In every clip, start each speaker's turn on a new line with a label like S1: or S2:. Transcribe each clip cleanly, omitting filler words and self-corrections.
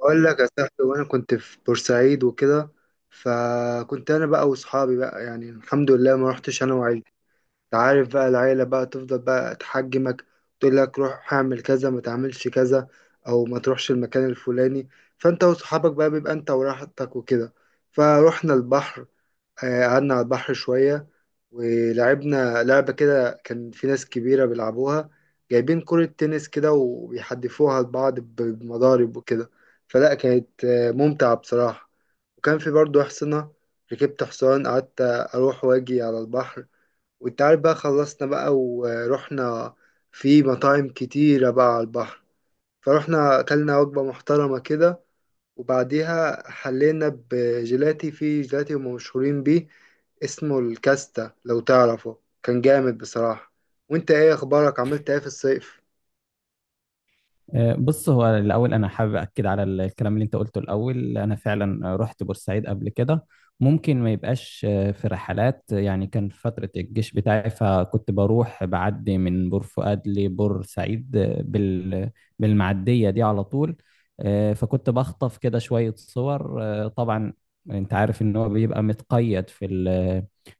S1: اقول لك يا صاحبي، وانا كنت في بورسعيد وكده. فكنت انا بقى واصحابي بقى، يعني الحمد لله ما رحتش انا. تعرف بقى العيلة بقى تفضل بقى تحجمك، تقول لك روح اعمل كذا، ما تعملش كذا، او ما تروحش المكان الفلاني. فانت وصحابك بقى بيبقى انت وراحتك وكده. فروحنا البحر. قعدنا على البحر شوية ولعبنا لعبة كده. كان في ناس كبيرة بيلعبوها، جايبين كرة تنس كده وبيحدفوها لبعض بمضارب وكده. فلا كانت ممتعة بصراحة. وكان في برضو حصنة، ركبت حصان قعدت أروح وأجي على البحر. وانت عارف بقى خلصنا بقى ورحنا، في مطاعم كتيرة بقى على البحر. فرحنا أكلنا وجبة محترمة كده. وبعديها حلينا بجيلاتي في جيلاتي هم مشهورين بيه، اسمه الكاستا لو تعرفه، كان جامد بصراحة. وانت ايه اخبارك، عملت ايه في الصيف؟
S2: بص، هو الأول أنا حابب أكد على الكلام اللي أنت قلته الأول. أنا فعلا رحت بورسعيد قبل كده. ممكن ما يبقاش في رحلات، يعني كان في فترة الجيش بتاعي، فكنت بروح بعدي من بور فؤاد لبورسعيد بالمعدية دي على طول. فكنت بخطف كده شوية صور طبعا. أنت عارف إن هو بيبقى متقيد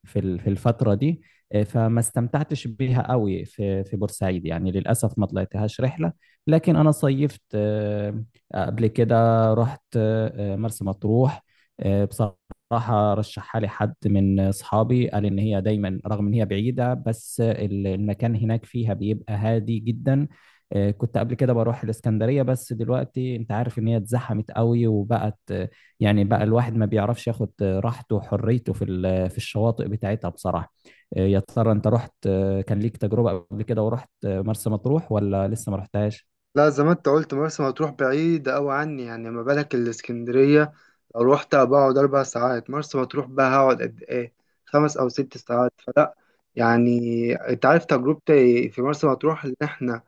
S2: في الفترة دي. فما استمتعتش بيها قوي في بورسعيد، يعني للأسف ما طلعتهاش رحلة. لكن انا صيفت قبل كده رحت مرسى مطروح. بصراحة رشحها لي حد من أصحابي، قال إن هي دايما رغم إن هي بعيدة بس المكان هناك فيها بيبقى هادي جدا. كنت قبل كده بروح الإسكندرية، بس دلوقتي أنت عارف إن هي اتزحمت قوي وبقت يعني بقى الواحد ما بيعرفش ياخد راحته وحريته في الشواطئ بتاعتها بصراحة. يا ترى أنت رحت كان ليك تجربة قبل كده ورحت مرسى مطروح ولا لسه ما رحتهاش؟
S1: لا، زي ما انت قلت، مرسى مطروح بعيدة أوي عني، يعني ما بالك الإسكندرية. لو روحت بقعد 4 ساعات، مرسى مطروح بقى هقعد قد إيه؟ 5 أو 6 ساعات، فلا يعني. أنت عارف تجربتي في مرسى مطروح، إن إحنا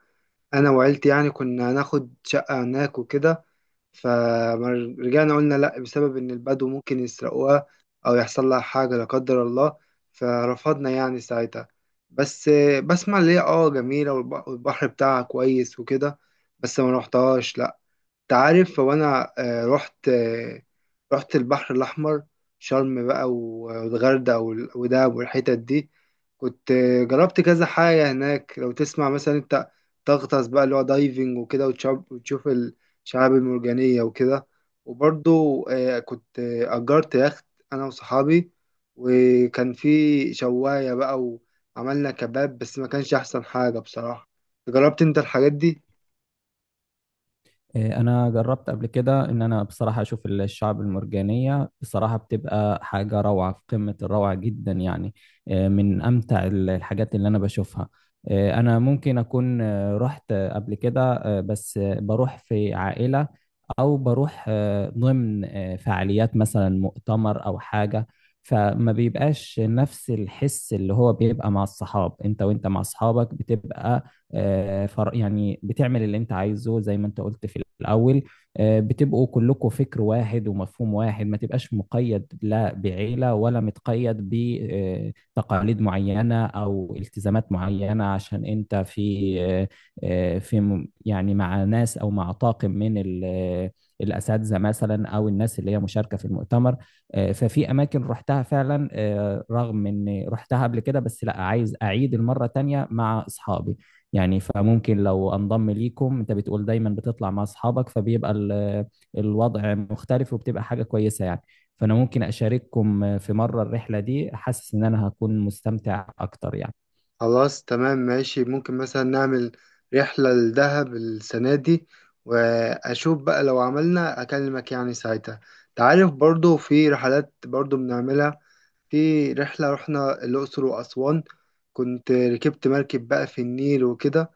S1: أنا وعيلتي يعني كنا هناخد شقة هناك وكده، فرجعنا قلنا لا، بسبب ان البدو ممكن يسرقوها او يحصل لها حاجة لا قدر الله. فرفضنا يعني ساعتها. بس بسمع ليه اه جميلة، والبحر بتاعها كويس وكده، بس ما روحتهاش لا. تعرف هو انا رحت البحر الاحمر، شرم بقى والغردقه ودهب والحتت دي. كنت جربت كذا حاجه هناك. لو تسمع مثلا، انت تغطس بقى اللي هو دايفنج وكده، وتشوف الشعاب المرجانيه وكده. وبرضو كنت اجرت يخت انا وصحابي، وكان في شوايه بقى، وعملنا كباب، بس ما كانش احسن حاجه بصراحه. جربت انت الحاجات دي؟
S2: إيه، انا جربت قبل كده ان انا بصراحه اشوف الشعب المرجانيه. بصراحه بتبقى حاجه روعه، في قمه الروعه جدا يعني. إيه، من امتع الحاجات اللي انا بشوفها. إيه، انا ممكن اكون رحت قبل كده بس بروح في عائله، او بروح ضمن فعاليات مثلا مؤتمر او حاجه. فما بيبقاش نفس الحس اللي هو بيبقى مع الصحاب، انت وانت مع اصحابك بتبقى يعني بتعمل اللي انت عايزه زي ما انت قلت في الاول. بتبقوا كلكم فكر واحد ومفهوم واحد، ما تبقاش مقيد لا بعيلة ولا متقيد بتقاليد معينة او التزامات معينة، عشان انت في في يعني مع ناس او مع طاقم من الاساتذه مثلا، او الناس اللي هي مشاركه في المؤتمر. ففي اماكن رحتها فعلا رغم ان رحتها قبل كده، بس لا، عايز اعيد المره تانية مع اصحابي. يعني فممكن لو انضم ليكم، انت بتقول دايما بتطلع مع اصحابك، فبيبقى الوضع مختلف، وبتبقى حاجه كويسه يعني. فانا ممكن اشارككم في مره الرحله دي، حاسس ان انا هكون مستمتع اكتر يعني.
S1: خلاص تمام ماشي. ممكن مثلا نعمل رحلة لدهب السنة دي، وأشوف بقى لو عملنا أكلمك يعني ساعتها. تعرف، برضو في رحلات برضو بنعملها. في رحلة رحنا الأقصر وأسوان، كنت ركبت مركب بقى في النيل وكده،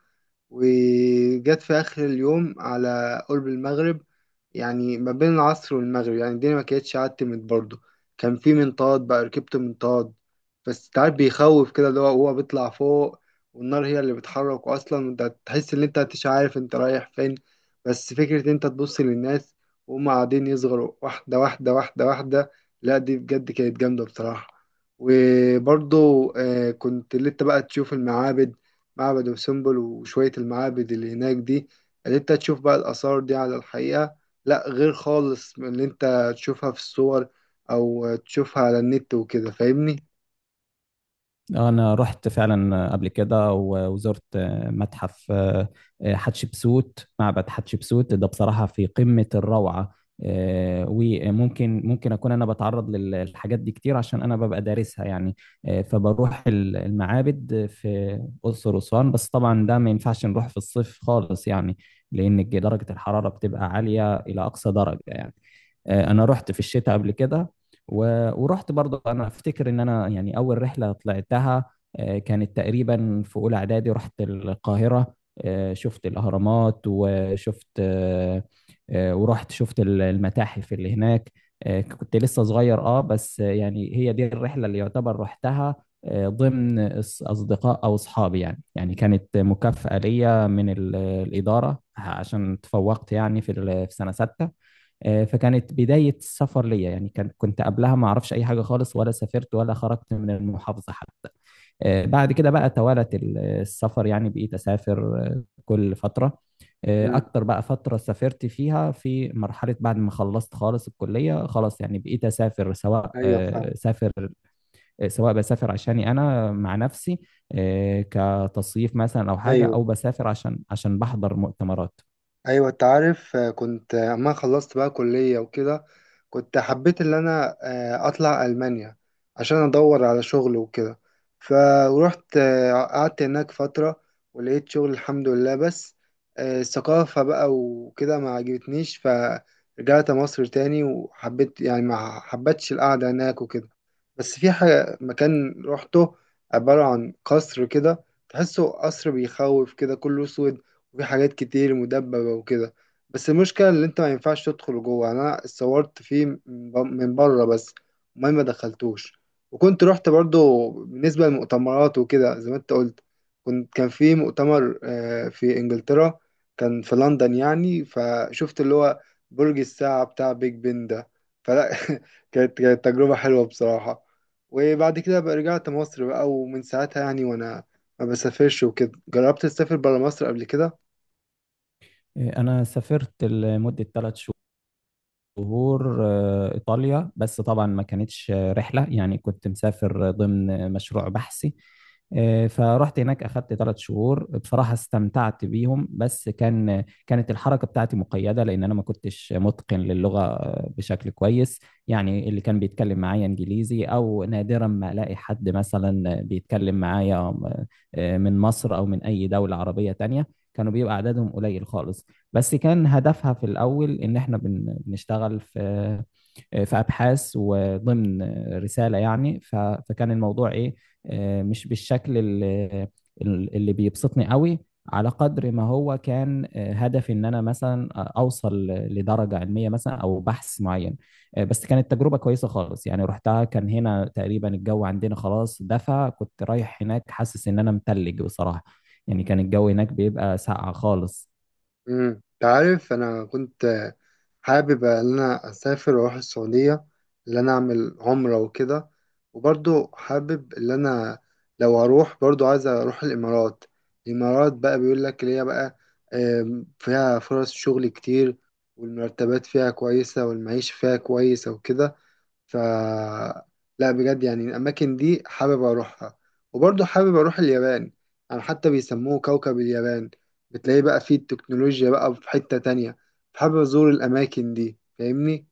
S1: وجت في آخر اليوم على قرب المغرب، يعني ما بين العصر والمغرب يعني. الدنيا ما كانتش عتمت برضه. كان في منطاد بقى، ركبت منطاد. بس تعرف بيخوف كده، اللي هو بيطلع فوق والنار هي اللي بتحرك أصلا، وانت تحس إن انت مش عارف انت رايح فين. بس فكرة إن انت تبص للناس وهم قاعدين يصغروا واحدة واحدة واحدة واحدة، لا دي بجد كانت جامدة بصراحة. وبرضه كنت لسه بقى تشوف المعابد. معبد أم سمبل وشوية المعابد اللي هناك دي، اللي انت تشوف بقى الآثار دي على الحقيقة، لا غير خالص من اللي انت تشوفها في الصور أو تشوفها على النت وكده. فاهمني؟
S2: انا رحت فعلا قبل كده وزرت متحف حتشبسوت. معبد حتشبسوت ده بصراحة في قمة الروعة. وممكن اكون انا بتعرض للحاجات دي كتير، عشان انا ببقى دارسها يعني. فبروح المعابد في اقصر واسوان. بس طبعا ده ما ينفعش نروح في الصيف خالص يعني، لان درجة الحرارة بتبقى عالية الى اقصى درجة يعني. انا رحت في الشتاء قبل كده ورحت برضه. انا افتكر ان انا يعني اول رحله طلعتها كانت تقريبا في اولى اعدادي، رحت القاهره. شفت الاهرامات وشفت ورحت شفت المتاحف اللي هناك. كنت لسه صغير بس يعني هي دي الرحله اللي يعتبر رحتها ضمن اصدقاء او اصحابي يعني. كانت مكافاه ليا من الاداره، عشان تفوقت يعني في سنه سته. فكانت بداية السفر ليا. يعني كنت قبلها ما أعرفش أي حاجة خالص، ولا سافرت ولا خرجت من المحافظة حتى. بعد كده بقى توالت السفر، يعني بقيت أسافر كل فترة.
S1: مم.
S2: أكتر بقى فترة سافرت فيها في مرحلة بعد ما خلصت خالص الكلية خلاص، يعني بقيت أسافر، سواء
S1: ايوه فاهم.
S2: سواء بسافر عشاني أنا مع نفسي، كتصيف مثلا أو حاجة،
S1: ايوه.
S2: أو بسافر عشان بحضر مؤتمرات.
S1: ايوه، انت عارف كنت اما خلصت بقى كلية وكده، كنت حبيت ان انا اطلع المانيا عشان ادور على شغل وكده. فروحت قعدت هناك فترة ولقيت شغل الحمد لله. بس الثقافة بقى وكده ما عجبتنيش، فرجعت مصر تاني، وحبيت يعني ما حبيتش القعدة هناك وكده. بس في حاجة مكان روحته، عبارة عن قصر كده، تحسه قصر بيخوف كده، كله سود وفي حاجات كتير مدببة وكده. بس المشكلة اللي انت ما ينفعش تدخل جوه، يعني انا اتصورت فيه من من بره بس. المهم ما دخلتوش. وكنت رحت برضو بالنسبة للمؤتمرات وكده، زي ما انت قلت، كان في مؤتمر في انجلترا، كان في لندن يعني. فشفت اللي هو برج الساعة بتاع بيج بن ده. فلا كانت تجربة حلوة بصراحة. وبعد كده بقى رجعت مصر بقى، ومن ساعتها يعني وانا ما بسافرش وكده. جربت تسافر برا مصر قبل كده؟
S2: أنا سافرت لمدة 3 زهور إيطاليا. بس طبعا ما كانتش رحلة، يعني كنت مسافر ضمن مشروع بحثي. فرحت هناك، أخدت 3 شهور. بصراحة استمتعت بيهم، بس كانت الحركة بتاعتي مقيدة لأن أنا ما كنتش متقن للغة بشكل كويس. يعني اللي كان بيتكلم معايا إنجليزي، أو نادرا ما ألاقي حد مثلا بيتكلم معايا من مصر أو من أي دولة عربية تانية. كانوا بيبقى عددهم قليل خالص. بس كان هدفها في الأول إن إحنا بنشتغل في أبحاث، وضمن رسالة. يعني فكان الموضوع إيه؟ مش بالشكل اللي بيبسطني قوي، على قدر ما هو كان هدفي إن أنا مثلا أوصل لدرجة علمية مثلا أو بحث معين. بس كانت تجربة كويسة خالص، يعني رحتها كان هنا تقريبا الجو عندنا خلاص دفى، كنت رايح هناك حاسس إن أنا متلج بصراحة. يعني كان الجو هناك بيبقى ساقع خالص.
S1: انت عارف انا كنت حابب ان انا اسافر واروح السعوديه، ان انا اعمل عمره وكده. وبرضو حابب ان انا لو هروح برضو عايز اروح الامارات. الامارات بقى بيقول لك اللي هي بقى فيها فرص شغل كتير، والمرتبات فيها كويسه، والمعيشه فيها كويسه وكده. ف لا بجد، يعني الأماكن دي حابب أروحها. وبرضه حابب أروح اليابان، يعني حتى بيسموه كوكب اليابان، بتلاقيه بقى فيه التكنولوجيا بقى في حتة تانية. فحابب أزور الأماكن دي، فاهمني؟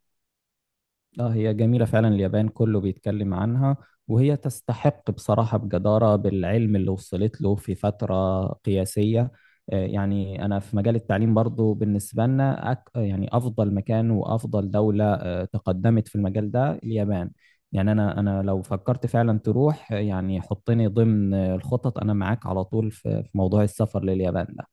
S2: اه هي جميلة فعلا، اليابان كله بيتكلم عنها، وهي تستحق بصراحة بجدارة، بالعلم اللي وصلت له في فترة قياسية. يعني أنا في مجال التعليم برضو بالنسبة لنا يعني أفضل مكان وأفضل دولة تقدمت في المجال ده اليابان. يعني أنا لو فكرت فعلا تروح يعني حطني ضمن الخطط. أنا معاك على طول في موضوع السفر لليابان ده،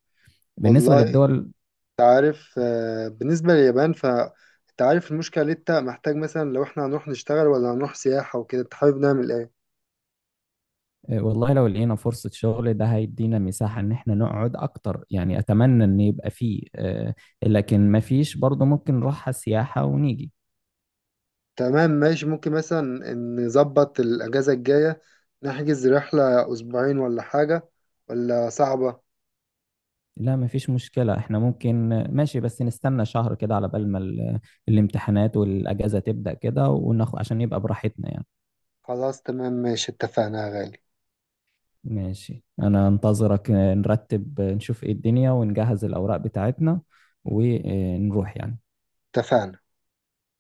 S2: بالنسبة
S1: والله،
S2: للدول.
S1: أنت عارف بالنسبة لليابان، فأنت عارف المشكلة، اللي أنت محتاج مثلا لو إحنا هنروح نشتغل ولا هنروح سياحة وكده، أنت حابب نعمل إيه؟
S2: والله لو لقينا فرصة شغل ده هيدينا مساحة إن إحنا نقعد أكتر. يعني أتمنى إن يبقى فيه لكن مفيش، برضه ممكن نروحها سياحة ونيجي.
S1: تمام ماشي. ممكن مثلا نظبط الأجازة الجاية، نحجز رحلة أسبوعين ولا حاجة، ولا صعبة؟
S2: لا، مفيش مشكلة، إحنا ممكن ماشي، بس نستنى شهر كده على بال ما الامتحانات والأجازة تبدأ كده وناخد، عشان يبقى براحتنا يعني.
S1: خلاص تمام ماشي، اتفقنا يا غالي.
S2: ماشي، أنا أنتظرك. نرتب نشوف إيه الدنيا ونجهز الأوراق بتاعتنا ونروح يعني.
S1: اتفقنا.